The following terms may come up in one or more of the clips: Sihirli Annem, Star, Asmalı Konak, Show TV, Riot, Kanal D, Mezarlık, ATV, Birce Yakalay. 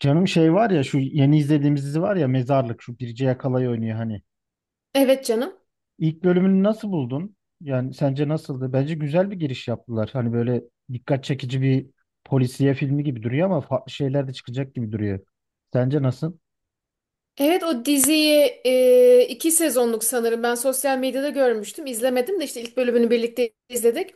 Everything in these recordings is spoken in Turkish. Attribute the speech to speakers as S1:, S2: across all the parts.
S1: Canım şey var ya şu yeni izlediğimiz dizi var ya Mezarlık şu Birce Yakalay oynuyor hani.
S2: Evet canım.
S1: İlk bölümünü nasıl buldun? Yani sence nasıldı? Bence güzel bir giriş yaptılar. Hani böyle dikkat çekici bir polisiye filmi gibi duruyor ama farklı şeyler de çıkacak gibi duruyor. Sence nasıl?
S2: Evet o diziyi iki sezonluk sanırım. Ben sosyal medyada görmüştüm. İzlemedim de işte ilk bölümünü birlikte izledik.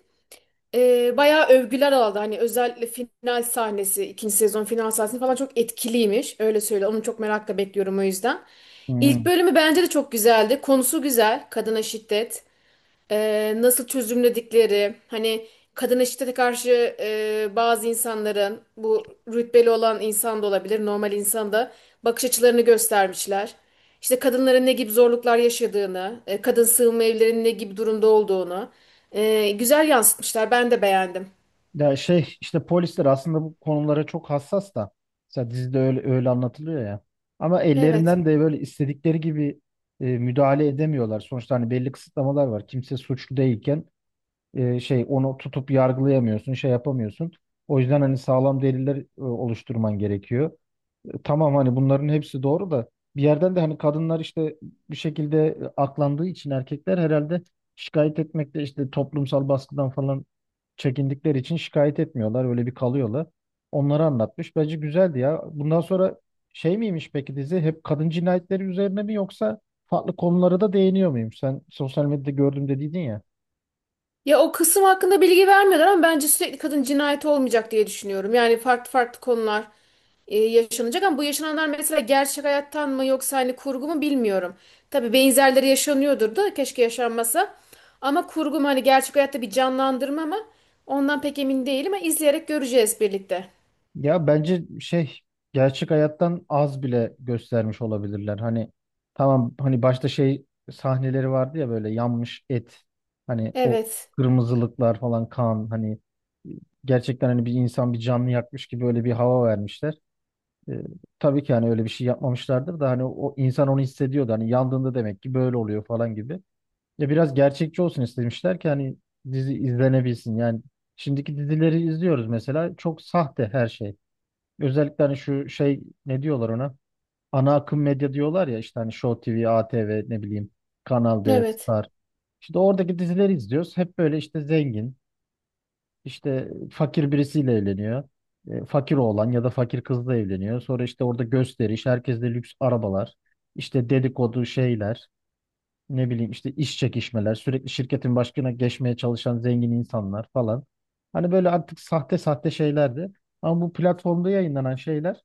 S2: Bayağı övgüler aldı. Hani özellikle final sahnesi, ikinci sezon final sahnesi falan çok etkiliymiş. Öyle söyle. Onu çok merakla bekliyorum o yüzden. İlk
S1: Hmm.
S2: bölümü bence de çok güzeldi. Konusu güzel. Kadına şiddet. Nasıl çözümledikleri, hani kadına şiddete karşı, bazı insanların, bu rütbeli olan insan da olabilir, normal insan da, bakış açılarını göstermişler. İşte kadınların ne gibi zorluklar yaşadığını, kadın sığınma evlerinin ne gibi durumda olduğunu, güzel yansıtmışlar. Ben de beğendim.
S1: Ya şey işte polisler aslında bu konulara çok hassas da. Mesela dizide öyle, öyle anlatılıyor ya. Ama
S2: Evet.
S1: ellerinden de böyle istedikleri gibi müdahale edemiyorlar. Sonuçta hani belli kısıtlamalar var. Kimse suçlu değilken şey onu tutup yargılayamıyorsun, şey yapamıyorsun. O yüzden hani sağlam deliller oluşturman gerekiyor. Tamam hani bunların hepsi doğru da bir yerden de hani kadınlar işte bir şekilde aklandığı için erkekler herhalde şikayet etmekte işte toplumsal baskıdan falan çekindikleri için şikayet etmiyorlar. Öyle bir kalıyorlar. Onları anlatmış. Bence güzeldi ya. Bundan sonra şey miymiş peki dizi? Hep kadın cinayetleri üzerine mi yoksa farklı konulara da değiniyor muyum? Sen sosyal medyada gördüm dediydin ya.
S2: Ya o kısım hakkında bilgi vermiyorlar ama bence sürekli kadın cinayeti olmayacak diye düşünüyorum. Yani farklı farklı konular yaşanacak ama bu yaşananlar mesela gerçek hayattan mı yoksa hani kurgu mu bilmiyorum. Tabii benzerleri yaşanıyordur da keşke yaşanmasa. Ama kurgu mu, hani gerçek hayatta bir canlandırma mı? Ondan pek emin değilim ama izleyerek göreceğiz birlikte.
S1: Ya bence şey gerçek hayattan az bile göstermiş olabilirler. Hani tamam hani başta şey sahneleri vardı ya böyle yanmış et hani o
S2: Evet.
S1: kırmızılıklar falan kan hani e, gerçekten hani bir insan bir canlı yakmış gibi öyle bir hava vermişler. E, tabii ki hani öyle bir şey yapmamışlardır da hani o insan onu hissediyordu. Hani yandığında demek ki böyle oluyor falan gibi. Ya biraz gerçekçi olsun istemişler ki hani dizi izlenebilsin. Yani şimdiki dizileri izliyoruz mesela çok sahte her şey. Özellikle hani şu şey ne diyorlar ona? Ana akım medya diyorlar ya işte hani Show TV, ATV ne bileyim Kanal D,
S2: Evet.
S1: Star. İşte oradaki dizileri izliyoruz. Hep böyle işte zengin, işte fakir birisiyle evleniyor. Fakir oğlan ya da fakir kızla evleniyor. Sonra işte orada gösteriş, herkeste lüks arabalar, işte dedikodu şeyler, ne bileyim işte iş çekişmeler, sürekli şirketin başkına geçmeye çalışan zengin insanlar falan. Hani böyle artık sahte sahte şeylerdi. Ama bu platformda yayınlanan şeyler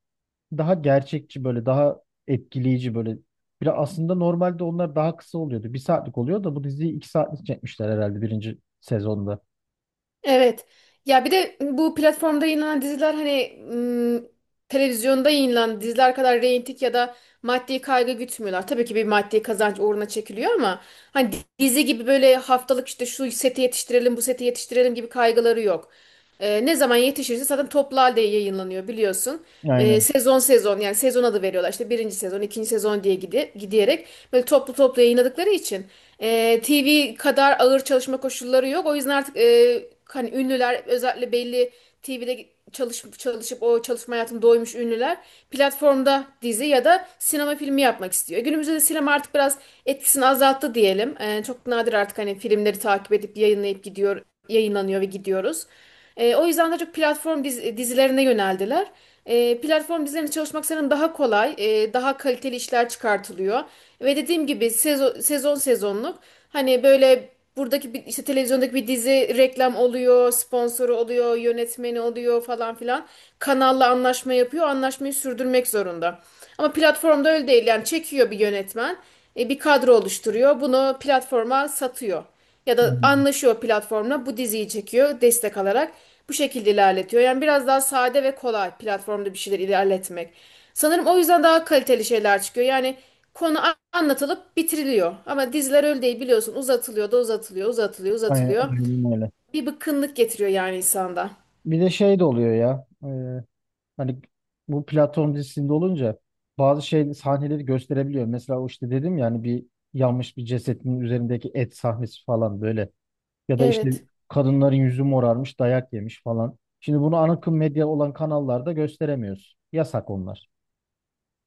S1: daha gerçekçi böyle daha etkileyici böyle. Biraz aslında normalde onlar daha kısa oluyordu. Bir saatlik oluyor da bu diziyi 2 saatlik çekmişler herhalde birinci sezonda.
S2: Evet. Ya bir de bu platformda yayınlanan diziler hani televizyonda yayınlanan diziler kadar reyting ya da maddi kaygı gütmüyorlar. Tabii ki bir maddi kazanç uğruna çekiliyor ama hani dizi gibi böyle haftalık işte şu seti yetiştirelim, bu seti yetiştirelim gibi kaygıları yok. Ne zaman yetişirse zaten toplu halde yayınlanıyor biliyorsun.
S1: Aynen.
S2: Sezon sezon, yani sezon adı veriyorlar işte birinci sezon, ikinci sezon diye gidiyerek böyle toplu toplu yayınladıkları için. E, TV kadar ağır çalışma koşulları yok. O yüzden artık, hani ünlüler, özellikle belli TV'de çalışıp çalışıp o çalışma hayatını doymuş ünlüler, platformda dizi ya da sinema filmi yapmak istiyor. Günümüzde de sinema artık biraz etkisini azalttı diyelim. E, çok nadir artık hani filmleri takip edip yayınlayıp gidiyor, yayınlanıyor ve gidiyoruz. E, o yüzden daha çok platform dizilerine yöneldiler. E, platform dizilerinde çalışmak senin daha kolay, daha kaliteli işler çıkartılıyor. Ve dediğim gibi sezon sezonluk, hani böyle, buradaki bir, işte televizyondaki bir dizi, reklam oluyor, sponsoru oluyor, yönetmeni oluyor falan filan. Kanalla anlaşma yapıyor, anlaşmayı sürdürmek zorunda. Ama platformda öyle değil, yani çekiyor bir yönetmen, bir kadro oluşturuyor, bunu platforma satıyor. Ya da
S1: Aynen.
S2: anlaşıyor platformla, bu diziyi çekiyor destek alarak bu şekilde ilerletiyor. Yani biraz daha sade ve kolay platformda bir şeyler ilerletmek. Sanırım o yüzden daha kaliteli şeyler çıkıyor. Yani konu anlatılıp bitiriliyor. Ama diziler öyle değil biliyorsun, uzatılıyor da uzatılıyor, uzatılıyor,
S1: Aynen-
S2: uzatılıyor.
S1: aynen öyle.
S2: Bir bıkkınlık getiriyor yani insanda.
S1: Bir de şey de oluyor ya. Hani bu platform dizisinde olunca bazı şey sahneleri gösterebiliyor. Mesela o işte dedim ya hani bir yanmış bir cesetin üzerindeki et sahnesi falan böyle. Ya da işte
S2: Evet.
S1: kadınların yüzü morarmış, dayak yemiş falan. Şimdi bunu ana akım medya olan kanallarda gösteremiyoruz. Yasak onlar.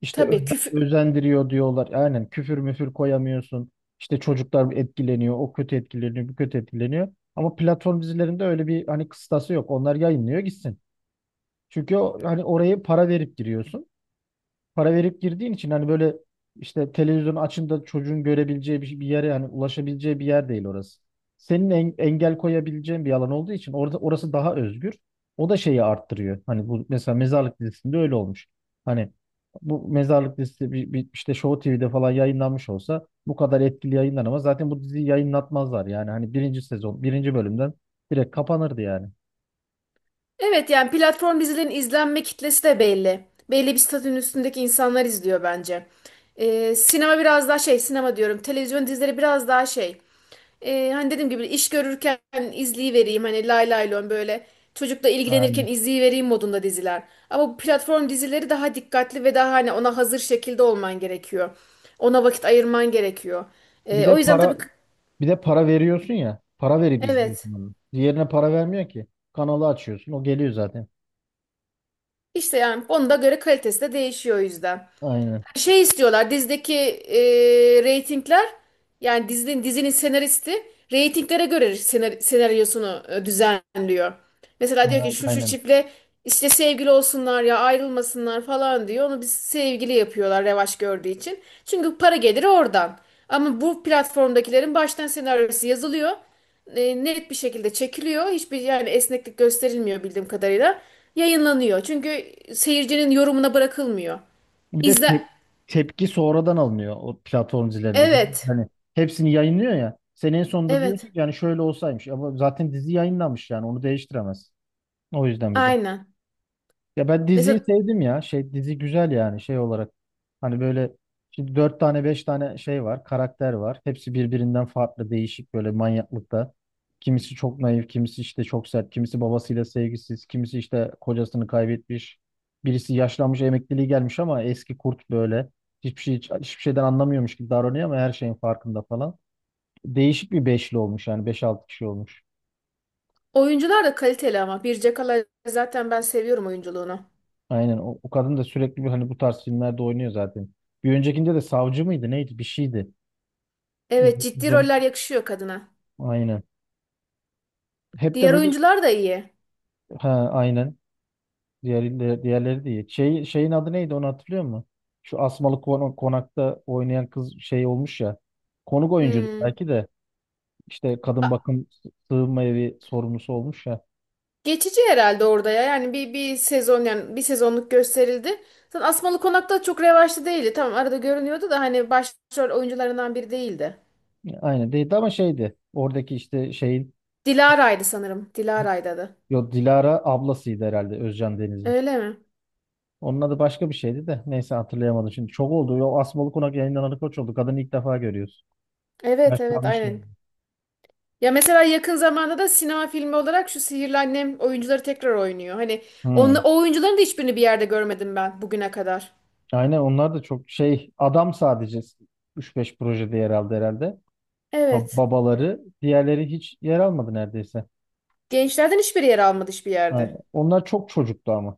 S1: İşte
S2: Tabii küfür.
S1: özendiriyor diyorlar. Aynen küfür müfür koyamıyorsun. İşte çocuklar etkileniyor, o kötü etkileniyor, bu kötü etkileniyor. Ama platform dizilerinde öyle bir hani kıstası yok. Onlar yayınlıyor gitsin. Çünkü o, hani oraya para verip giriyorsun para verip girdiğin için hani böyle işte televizyon açında çocuğun görebileceği bir, şey, bir yere yani ulaşabileceği bir yer değil orası. Senin engel koyabileceğin bir alan olduğu için orada orası daha özgür. O da şeyi arttırıyor. Hani bu mesela mezarlık dizisinde öyle olmuş. Hani bu mezarlık dizisi bir işte Show TV'de falan yayınlanmış olsa bu kadar etkili yayınlanamaz. Zaten bu diziyi yayınlatmazlar yani. Hani birinci sezon, birinci bölümden direkt kapanırdı yani.
S2: Evet, yani platform dizilerin izlenme kitlesi de belli. Belli bir statünün üstündeki insanlar izliyor bence. Sinema biraz daha şey, sinema diyorum. Televizyon dizileri biraz daha şey. Hani dediğim gibi iş görürken izleyivereyim. Hani lay lay lon, böyle çocukla ilgilenirken
S1: Aynen.
S2: izleyivereyim modunda diziler. Ama bu platform dizileri daha dikkatli ve daha hani ona hazır şekilde olman gerekiyor. Ona vakit ayırman gerekiyor.
S1: Bir
S2: O
S1: de
S2: yüzden
S1: para
S2: tabii
S1: Bir de para veriyorsun ya. Para verip
S2: evet,
S1: izliyorsun onu. Diğerine para vermiyor ki. Kanalı açıyorsun. O geliyor zaten.
S2: işte yani onda göre kalitesi de değişiyor o yüzden.
S1: Aynen.
S2: Şey istiyorlar dizideki, e, reytingler, yani dizinin, dizinin senaristi reytinglere göre senaryosunu, düzenliyor. Mesela diyor ki
S1: Aynen.
S2: şu şu
S1: Aynen.
S2: çiftle işte sevgili olsunlar ya ayrılmasınlar falan diyor. Onu biz sevgili yapıyorlar revaç gördüğü için. Çünkü para geliri oradan. Ama bu platformdakilerin baştan senaryosu yazılıyor. E, net bir şekilde çekiliyor. Hiçbir, yani esneklik gösterilmiyor bildiğim kadarıyla. Yayınlanıyor. Çünkü seyircinin yorumuna bırakılmıyor.
S1: Bir de
S2: İzle.
S1: tepki sonradan alınıyor o platform dizilerinde.
S2: Evet.
S1: Hani hepsini yayınlıyor ya. Senin sonunda diyorsun ki
S2: Evet.
S1: yani şöyle olsaymış. Ama zaten dizi yayınlanmış yani onu değiştiremez. O yüzden bir de.
S2: Aynen.
S1: Ya ben diziyi
S2: Mesela
S1: sevdim ya. Şey dizi güzel yani şey olarak. Hani böyle şimdi dört tane beş tane şey var, karakter var. Hepsi birbirinden farklı, değişik böyle manyaklıkta. Kimisi çok naif, kimisi işte çok sert, kimisi babasıyla sevgisiz, kimisi işte kocasını kaybetmiş. Birisi yaşlanmış, emekliliği gelmiş ama eski kurt böyle. Hiçbir şey hiçbir şeyden anlamıyormuş gibi davranıyor ama her şeyin farkında falan. Değişik bir beşli olmuş yani beş altı kişi olmuş.
S2: oyuncular da kaliteli ama. Bir Cakala zaten ben seviyorum oyunculuğunu.
S1: Aynen o kadın da sürekli bir hani bu tarz filmlerde oynuyor zaten. Bir öncekinde de savcı mıydı neydi bir şeydi.
S2: Evet, ciddi
S1: İzlemiş.
S2: roller yakışıyor kadına.
S1: Aynen. Hep de
S2: Diğer
S1: böyle
S2: oyuncular da iyi.
S1: ha aynen. Diğerleri, diğerleri değil. Şey, şeyin adı neydi onu hatırlıyor musun? Şu Asmalı Konak'ta oynayan kız şey olmuş ya. Konuk oyuncu
S2: Hmm.
S1: belki de işte kadın
S2: A-.
S1: bakım sığınma evi sorumlusu olmuş ya.
S2: Geçici herhalde orada ya. Yani bir, bir sezon, yani bir sezonluk gösterildi. Zaten Asmalı Konak'ta çok revaçlı değildi. Tamam arada görünüyordu da hani başrol oyuncularından biri değildi.
S1: Aynen değildi ama şeydi. Oradaki işte şeyin
S2: Dilara'ydı sanırım. Dilara'ydı adı.
S1: yo Dilara ablasıydı herhalde Özcan Deniz'in.
S2: Öyle mi?
S1: Onun adı başka bir şeydi de neyse hatırlayamadım şimdi. Çok oldu. O Asmalı Konak yayınlanan koç oldu. Kadını ilk defa görüyoruz.
S2: Evet evet,
S1: Yaşlanmış yani.
S2: aynen. Ya mesela yakın zamanda da sinema filmi olarak şu Sihirli Annem oyuncuları tekrar oynuyor. Hani
S1: Hmm.
S2: o oyuncuların da hiçbirini bir yerde görmedim ben bugüne kadar.
S1: Aynen onlar da çok şey adam sadece üç beş projede yer aldı herhalde.
S2: Evet.
S1: Babaları diğerleri hiç yer almadı neredeyse.
S2: Gençlerden hiçbir yer almadı hiçbir
S1: Ha,
S2: yerde.
S1: onlar çok çocuktu ama.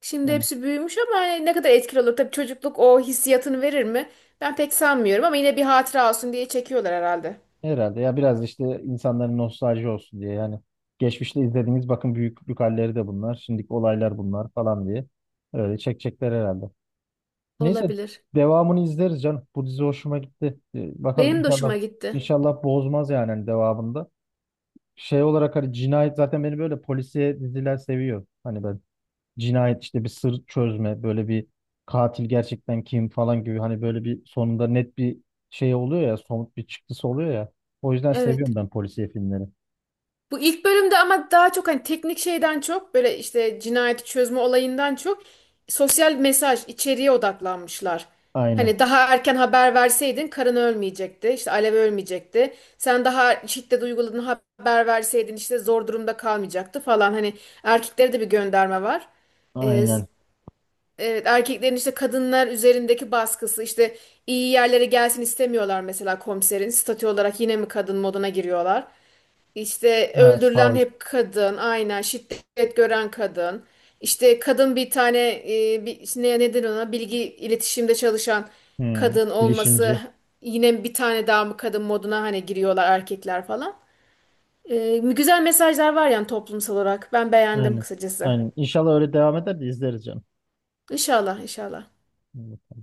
S2: Şimdi
S1: Yani
S2: hepsi büyümüş ama hani ne kadar etkili olur. Tabii çocukluk o hissiyatını verir mi? Ben pek sanmıyorum ama yine bir hatıra olsun diye çekiyorlar herhalde.
S1: herhalde ya biraz işte insanların nostalji olsun diye yani geçmişte izlediğiniz bakın büyüklük halleri de bunlar. Şimdiki olaylar bunlar falan diye öyle çekecekler herhalde. Neyse
S2: Olabilir.
S1: devamını izleriz canım. Bu dizi hoşuma gitti. Bakalım
S2: Benim de
S1: inşallah
S2: hoşuma gitti.
S1: inşallah bozmaz yani hani devamında. Şey olarak hani cinayet zaten beni böyle polisiye diziler seviyor. Hani ben cinayet işte bir sır çözme böyle bir katil gerçekten kim falan gibi hani böyle bir sonunda net bir şey oluyor ya somut bir çıktısı oluyor ya. O yüzden seviyorum
S2: Evet.
S1: ben polisiye filmleri.
S2: Bu ilk bölümde ama daha çok hani teknik şeyden çok böyle işte cinayeti çözme olayından çok sosyal mesaj içeriğe odaklanmışlar.
S1: Aynen.
S2: Hani daha erken haber verseydin karın ölmeyecekti, işte Alev ölmeyecekti. Sen daha şiddet uyguladığını haber verseydin işte zor durumda kalmayacaktı falan. Hani erkeklere de bir gönderme var. Ee, s-
S1: Aynen.
S2: evet, erkeklerin işte kadınlar üzerindeki baskısı, işte iyi yerlere gelsin istemiyorlar mesela komiserin. Statü olarak yine mi kadın moduna giriyorlar? İşte
S1: Ha,
S2: öldürülen
S1: savcı.
S2: hep kadın, aynen şiddet gören kadın. İşte kadın bir tane, bir, ne neden ona, bilgi iletişimde çalışan
S1: Hmm.
S2: kadın olması,
S1: Bilişimci.
S2: yine bir tane daha mı kadın moduna hani giriyorlar erkekler falan. E, güzel mesajlar var yani toplumsal olarak. Ben beğendim
S1: Aynen.
S2: kısacası.
S1: Aynen. İnşallah öyle devam eder de izleriz canım.
S2: İnşallah, inşallah.
S1: Hmm.